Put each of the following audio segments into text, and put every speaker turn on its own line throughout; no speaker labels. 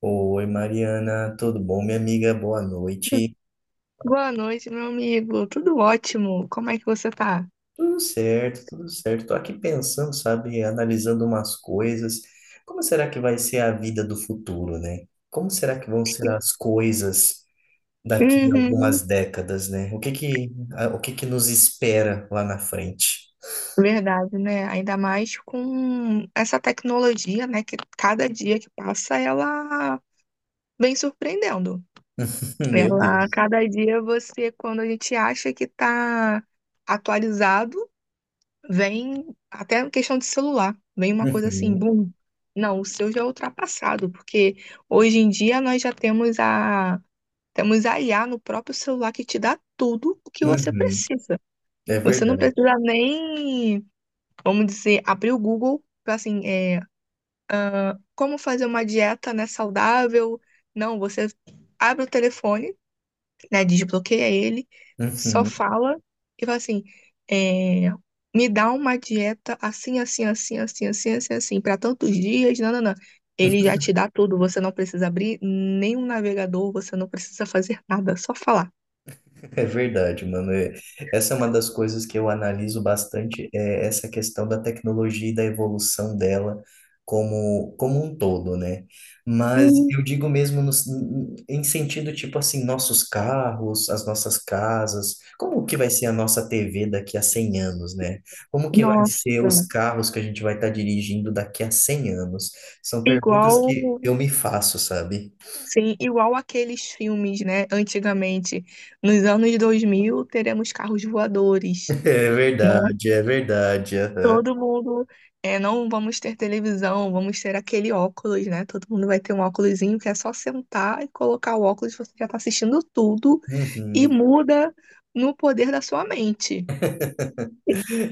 Oi, Mariana, tudo bom, minha amiga? Boa noite.
Boa noite, meu amigo. Tudo ótimo. Como é que você tá?
Tudo certo, tudo certo. Tô aqui pensando, sabe, analisando umas coisas. Como será que vai ser a vida do futuro, né? Como será que vão ser as coisas daqui a
Uhum,
algumas décadas, né? O que que nos espera lá na frente?
verdade, né? Ainda mais com essa tecnologia, né? Que cada dia que passa, ela vem surpreendendo.
Meu
Ela,
Deus.
cada dia você, quando a gente acha que tá atualizado, vem até a questão de celular. Vem uma coisa assim,
Uhum,
bum. Não, o seu já é ultrapassado, porque hoje em dia nós já temos a Temos a IA no próprio celular que te dá tudo o que você
uhum.
precisa.
É
Você não
verdade.
precisa nem, vamos dizer, abrir o Google, para assim, como fazer uma dieta, né, saudável. Não, você abre o telefone, né, desbloqueia ele, só
Uhum.
fala e fala assim, é, me dá uma dieta assim, assim, assim, assim, assim, assim, assim, para tantos dias, não, não, não. Ele já te dá tudo, você não precisa abrir nenhum navegador, você não precisa fazer nada, só falar.
É verdade, mano. Essa é uma das coisas que eu analiso bastante, é essa questão da tecnologia e da evolução dela como, como um todo, né? Mas eu digo mesmo no, em sentido tipo assim, nossos carros, as nossas casas, como que vai ser a nossa TV daqui a 100 anos, né? Como que vai ser
Nossa,
os carros que a gente vai estar dirigindo daqui a 100 anos? São
igual,
perguntas que eu me faço, sabe?
sim, igual aqueles filmes, né? Antigamente, nos anos 2000 teremos carros voadores,
É
né?
verdade, é verdade. Aham.
Todo mundo, não vamos ter televisão, vamos ter aquele óculos, né? Todo mundo vai ter um óculosinho que é só sentar e colocar o óculos, você já tá assistindo tudo e
Uhum.
muda no poder da sua mente.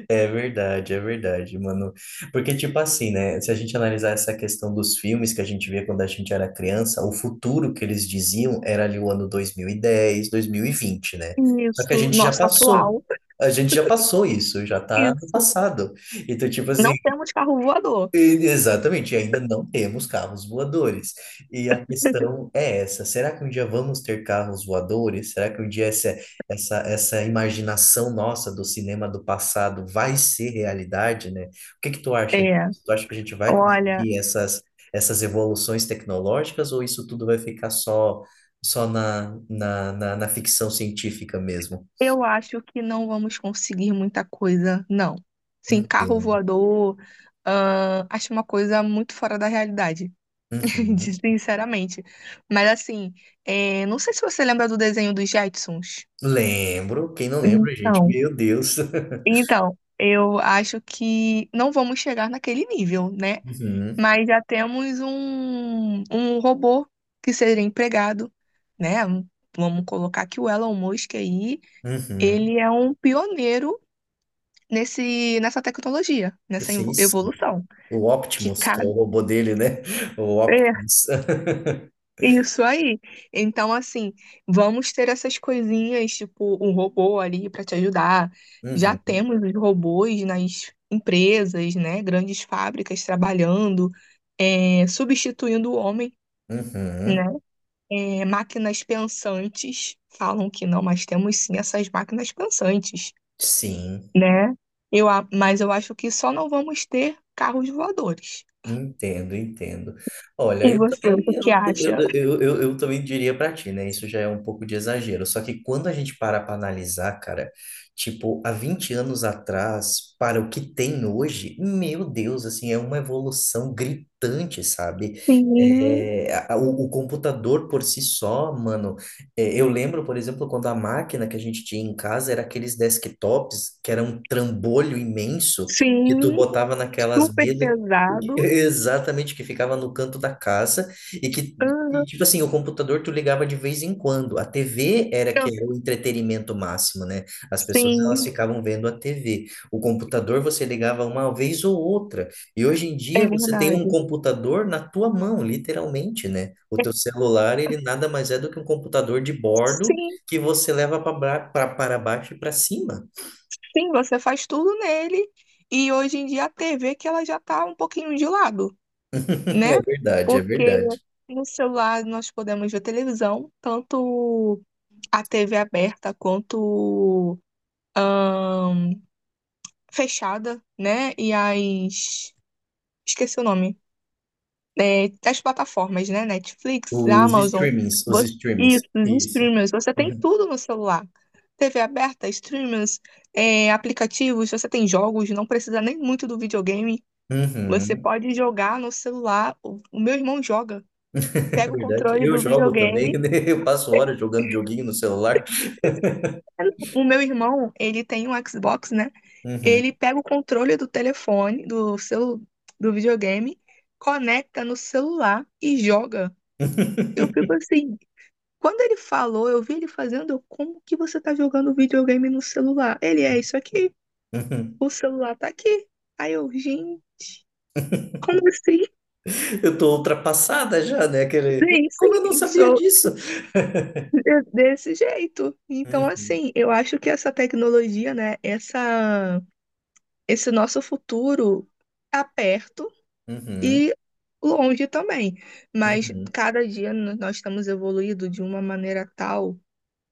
É verdade, mano. Porque, tipo assim, né? Se a gente analisar essa questão dos filmes que a gente via quando a gente era criança, o futuro que eles diziam era ali o ano dois mil e dez, 2020, né? Só que a
Isso,
gente já
nosso
passou.
atual,
A gente já passou isso, já tá no
isso.
passado. Então, tipo assim,
Não temos carro voador.
Exatamente, e ainda não temos carros voadores. E a questão é essa: será que um dia vamos ter carros voadores? Será que um dia essa imaginação nossa do cinema do passado vai ser realidade, né? O que que tu acha?
É,
Tu acha que a gente vai
olha.
conseguir essas evoluções tecnológicas ou isso tudo vai ficar só na ficção científica mesmo?
Eu acho que não vamos conseguir muita coisa, não. Sim, carro
Entendo.
voador, acho uma coisa muito fora da realidade,
Uhum.
sinceramente. Mas assim, não sei se você lembra do desenho dos Jetsons.
Lembro, quem não lembra, gente?
Então,
Meu Deus.
então, eu acho que não vamos chegar naquele nível, né?
Uhum,
Mas já temos um robô que seria empregado, né? Vamos colocar que o Elon Musk aí,
uhum.
ele é um pioneiro nessa tecnologia, nessa
Sim, sim.
evolução,
O
que
Optimus, que é o
cabe.
robô dele, né? O
É,
Optimus.
isso aí. Então, assim, vamos ter essas coisinhas, tipo, um robô ali para te ajudar. Já temos os robôs nas empresas, né? Grandes fábricas trabalhando, substituindo o homem,
Uhum, uhum.
né? É, máquinas pensantes, falam que não, mas temos sim essas máquinas pensantes,
Sim.
né? Mas eu acho que só não vamos ter carros voadores.
Entendo, entendo. Olha,
E
eu
você,
também,
o que que acha?
eu também diria pra ti, né? Isso já é um pouco de exagero. Só que quando a gente para pra analisar, cara, tipo, há 20 anos atrás, para o que tem hoje, meu Deus, assim, é uma evolução gritante, sabe?
Sim,
O computador por si só, mano. É, eu lembro, por exemplo, quando a máquina que a gente tinha em casa era aqueles desktops que era um trambolho imenso que tu
sim,
botava naquelas
super
mesas.
pesado.
Exatamente, que ficava no canto da
Aham,
tipo assim, o computador tu ligava de vez em quando. A TV era que
eu-
era o entretenimento máximo, né? As pessoas elas
sim,
ficavam vendo a TV. O computador você ligava uma vez ou outra. E hoje em dia
é
você tem um
verdade.
computador na tua mão, literalmente, né? O teu celular, ele nada mais é do que um computador de bordo
Sim,
que você leva para baixo e para cima.
sim, você faz tudo nele. E hoje em dia a TV que ela já tá um pouquinho de lado, né?
É verdade, é
Porque
verdade.
no celular nós podemos ver televisão, tanto a TV aberta quanto ahn, fechada, né? E as... Esqueci o nome. É, das plataformas, né? Netflix,
Os
Amazon,
streamings, os
você,
streamings.
isso, os
Isso.
streamers, você tem tudo no celular. TV aberta, streamers, aplicativos, você tem jogos, não precisa nem muito do videogame. Você
Uhum.
pode jogar no celular. O meu irmão joga.
É
Pega o
verdade.
controle
Eu
do
jogo também,
videogame.
né? Eu passo horas jogando joguinho no celular.
O meu irmão, ele tem um Xbox, né? Ele
Uhum.
pega o controle do telefone, do videogame, conecta no celular e joga. Eu fico assim, quando ele falou, eu vi ele fazendo, eu, como que você tá jogando videogame no celular? Ele é isso aqui,
Uhum.
o celular tá aqui. Aí eu, gente, como assim?
Eu tô ultrapassada já, né? Aquele...
Sim,
Como eu não
sim,
sabia
sou
disso?
desse jeito. Então,
Uhum,
assim, eu acho que essa tecnologia, esse nosso futuro tá perto
uhum,
e longe também. Mas
uhum.
cada dia nós estamos evoluindo de uma maneira tal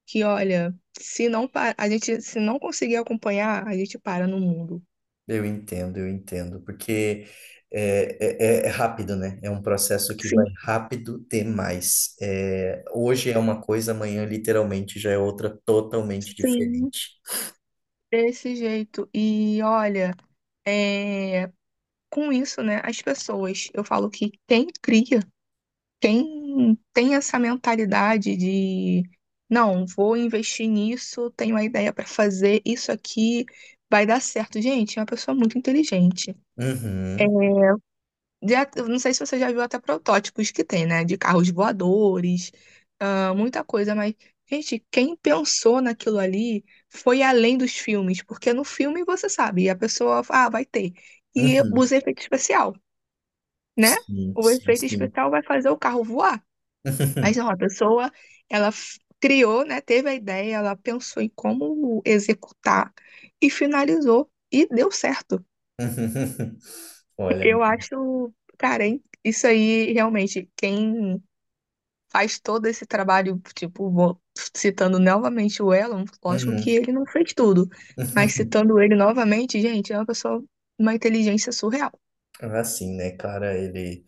que, olha, se a gente se não conseguir acompanhar, a gente para no mundo.
Eu entendo, porque é rápido, né? É um processo que vai
Sim,
rápido demais. É, hoje é uma coisa, amanhã literalmente já é outra totalmente
sim.
diferente.
Desse jeito. E olha, é, com isso, né, as pessoas, eu falo que quem cria, quem tem essa mentalidade de não, vou investir nisso, tenho uma ideia para fazer, isso aqui vai dar certo. Gente, é uma pessoa muito inteligente. É,
Uhum,
já, eu não sei se você já viu até protótipos que tem, né? De carros voadores, ah, muita coisa, mas, gente, quem pensou naquilo ali foi além dos filmes, porque no filme você sabe, a pessoa, ah, vai ter. E
uhum.
usa efeito especial, né?
Sim,
O
sim,
efeito
sim.
especial vai fazer o carro voar. Mas não, a pessoa, ela criou, né? Teve a ideia, ela pensou em como executar e finalizou. E deu certo.
Olha,
Eu acho, cara, hein? Isso aí, realmente, quem faz todo esse trabalho, tipo, citando novamente o Elon, lógico que
uhum.
ele não fez tudo, mas citando ele novamente, gente, é uma pessoa, uma inteligência surreal.
Assim, né, cara, ele.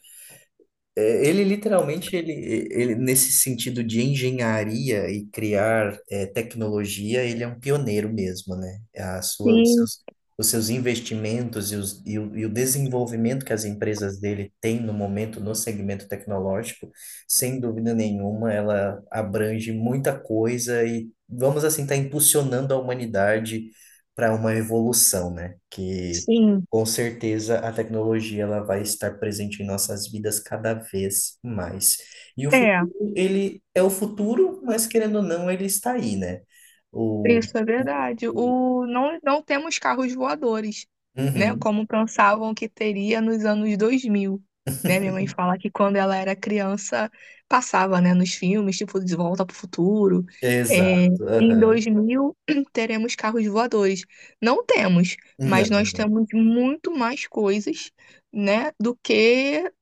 É, ele nesse sentido de engenharia e criar é, tecnologia, ele é um pioneiro mesmo, né?
Sim,
Os seus investimentos e o desenvolvimento que as empresas dele têm no momento no segmento tecnológico, sem dúvida nenhuma, ela abrange muita coisa e vamos assim estar impulsionando a humanidade para uma evolução, né? Que
sim.
com certeza a tecnologia ela vai estar presente em nossas vidas cada vez mais. E o futuro,
É.
ele é o futuro, mas querendo ou não, ele está aí, né? O...
Isso é verdade.
o-
O, não, não temos carros voadores, né?
Uhum,
Como pensavam que teria nos anos dois mil, né? Minha mãe fala que quando ela era criança, passava, né? Nos filmes, tipo De Volta para o Futuro. É,
exato.
em
Aham.
2000 teremos carros voadores. Não temos, mas
Não.
nós temos muito mais coisas, né? Do que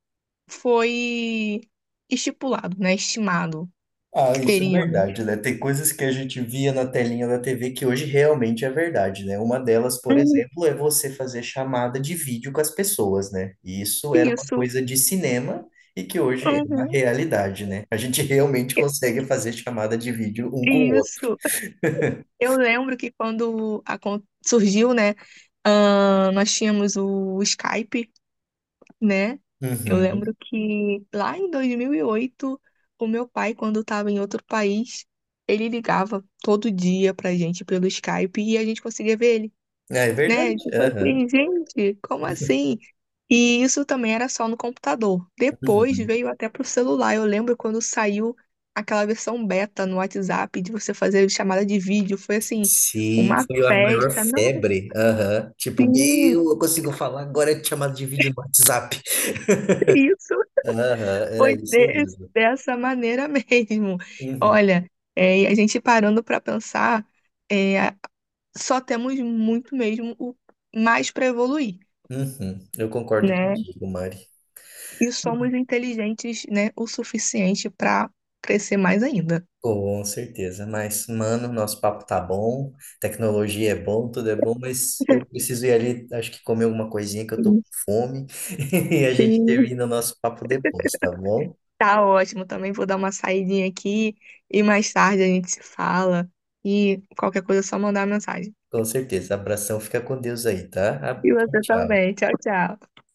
foi estipulado, né? Estimado
Ah,
que
isso é
teríamos.
verdade, né? Tem coisas que a gente via na telinha da TV que hoje realmente é verdade, né? Uma delas, por
Uhum,
exemplo, é você fazer chamada de vídeo com as pessoas, né? E isso era uma
isso.
coisa de cinema e que hoje é uma
Uhum.
realidade, né? A gente realmente consegue fazer chamada de vídeo um com o outro.
Isso. Eu lembro que quando surgiu, né, nós tínhamos o Skype, né? Eu
Uhum.
lembro que lá em 2008, o meu pai, quando estava em outro país, ele ligava todo dia pra gente pelo Skype e a gente conseguia ver ele,
É
né?
verdade.
Tipo
Aham.
assim, gente, como assim? E isso também era só no computador. Depois
Uhum.
veio até pro celular. Eu lembro quando saiu aquela versão beta no WhatsApp de você fazer chamada de vídeo. Foi assim,
Sim,
uma
foi a maior
festa. Não,
febre. Aham. Tipo,
sim,
meu, eu consigo falar agora de chamada de vídeo no WhatsApp.
isso
Aham, era
foi
isso mesmo.
dessa maneira mesmo.
Uhum.
Olha, e a gente parando para pensar, é, só temos muito mesmo o mais para evoluir,
Uhum, eu concordo
né?
contigo, Mari.
E somos inteligentes, né, o suficiente para crescer mais ainda.
Com certeza. Mas, mano, nosso papo tá bom, tecnologia é bom, tudo é bom, mas eu preciso ir ali, acho que comer alguma coisinha que eu tô com fome. E a gente
Sim.
termina o nosso papo depois, tá bom?
Tá ótimo, também vou dar uma saidinha aqui e mais tarde a gente se fala e qualquer coisa é só mandar mensagem.
Com certeza. Abração, fica com Deus aí, tá?
E você
Tchau.
também. Tchau, tchau.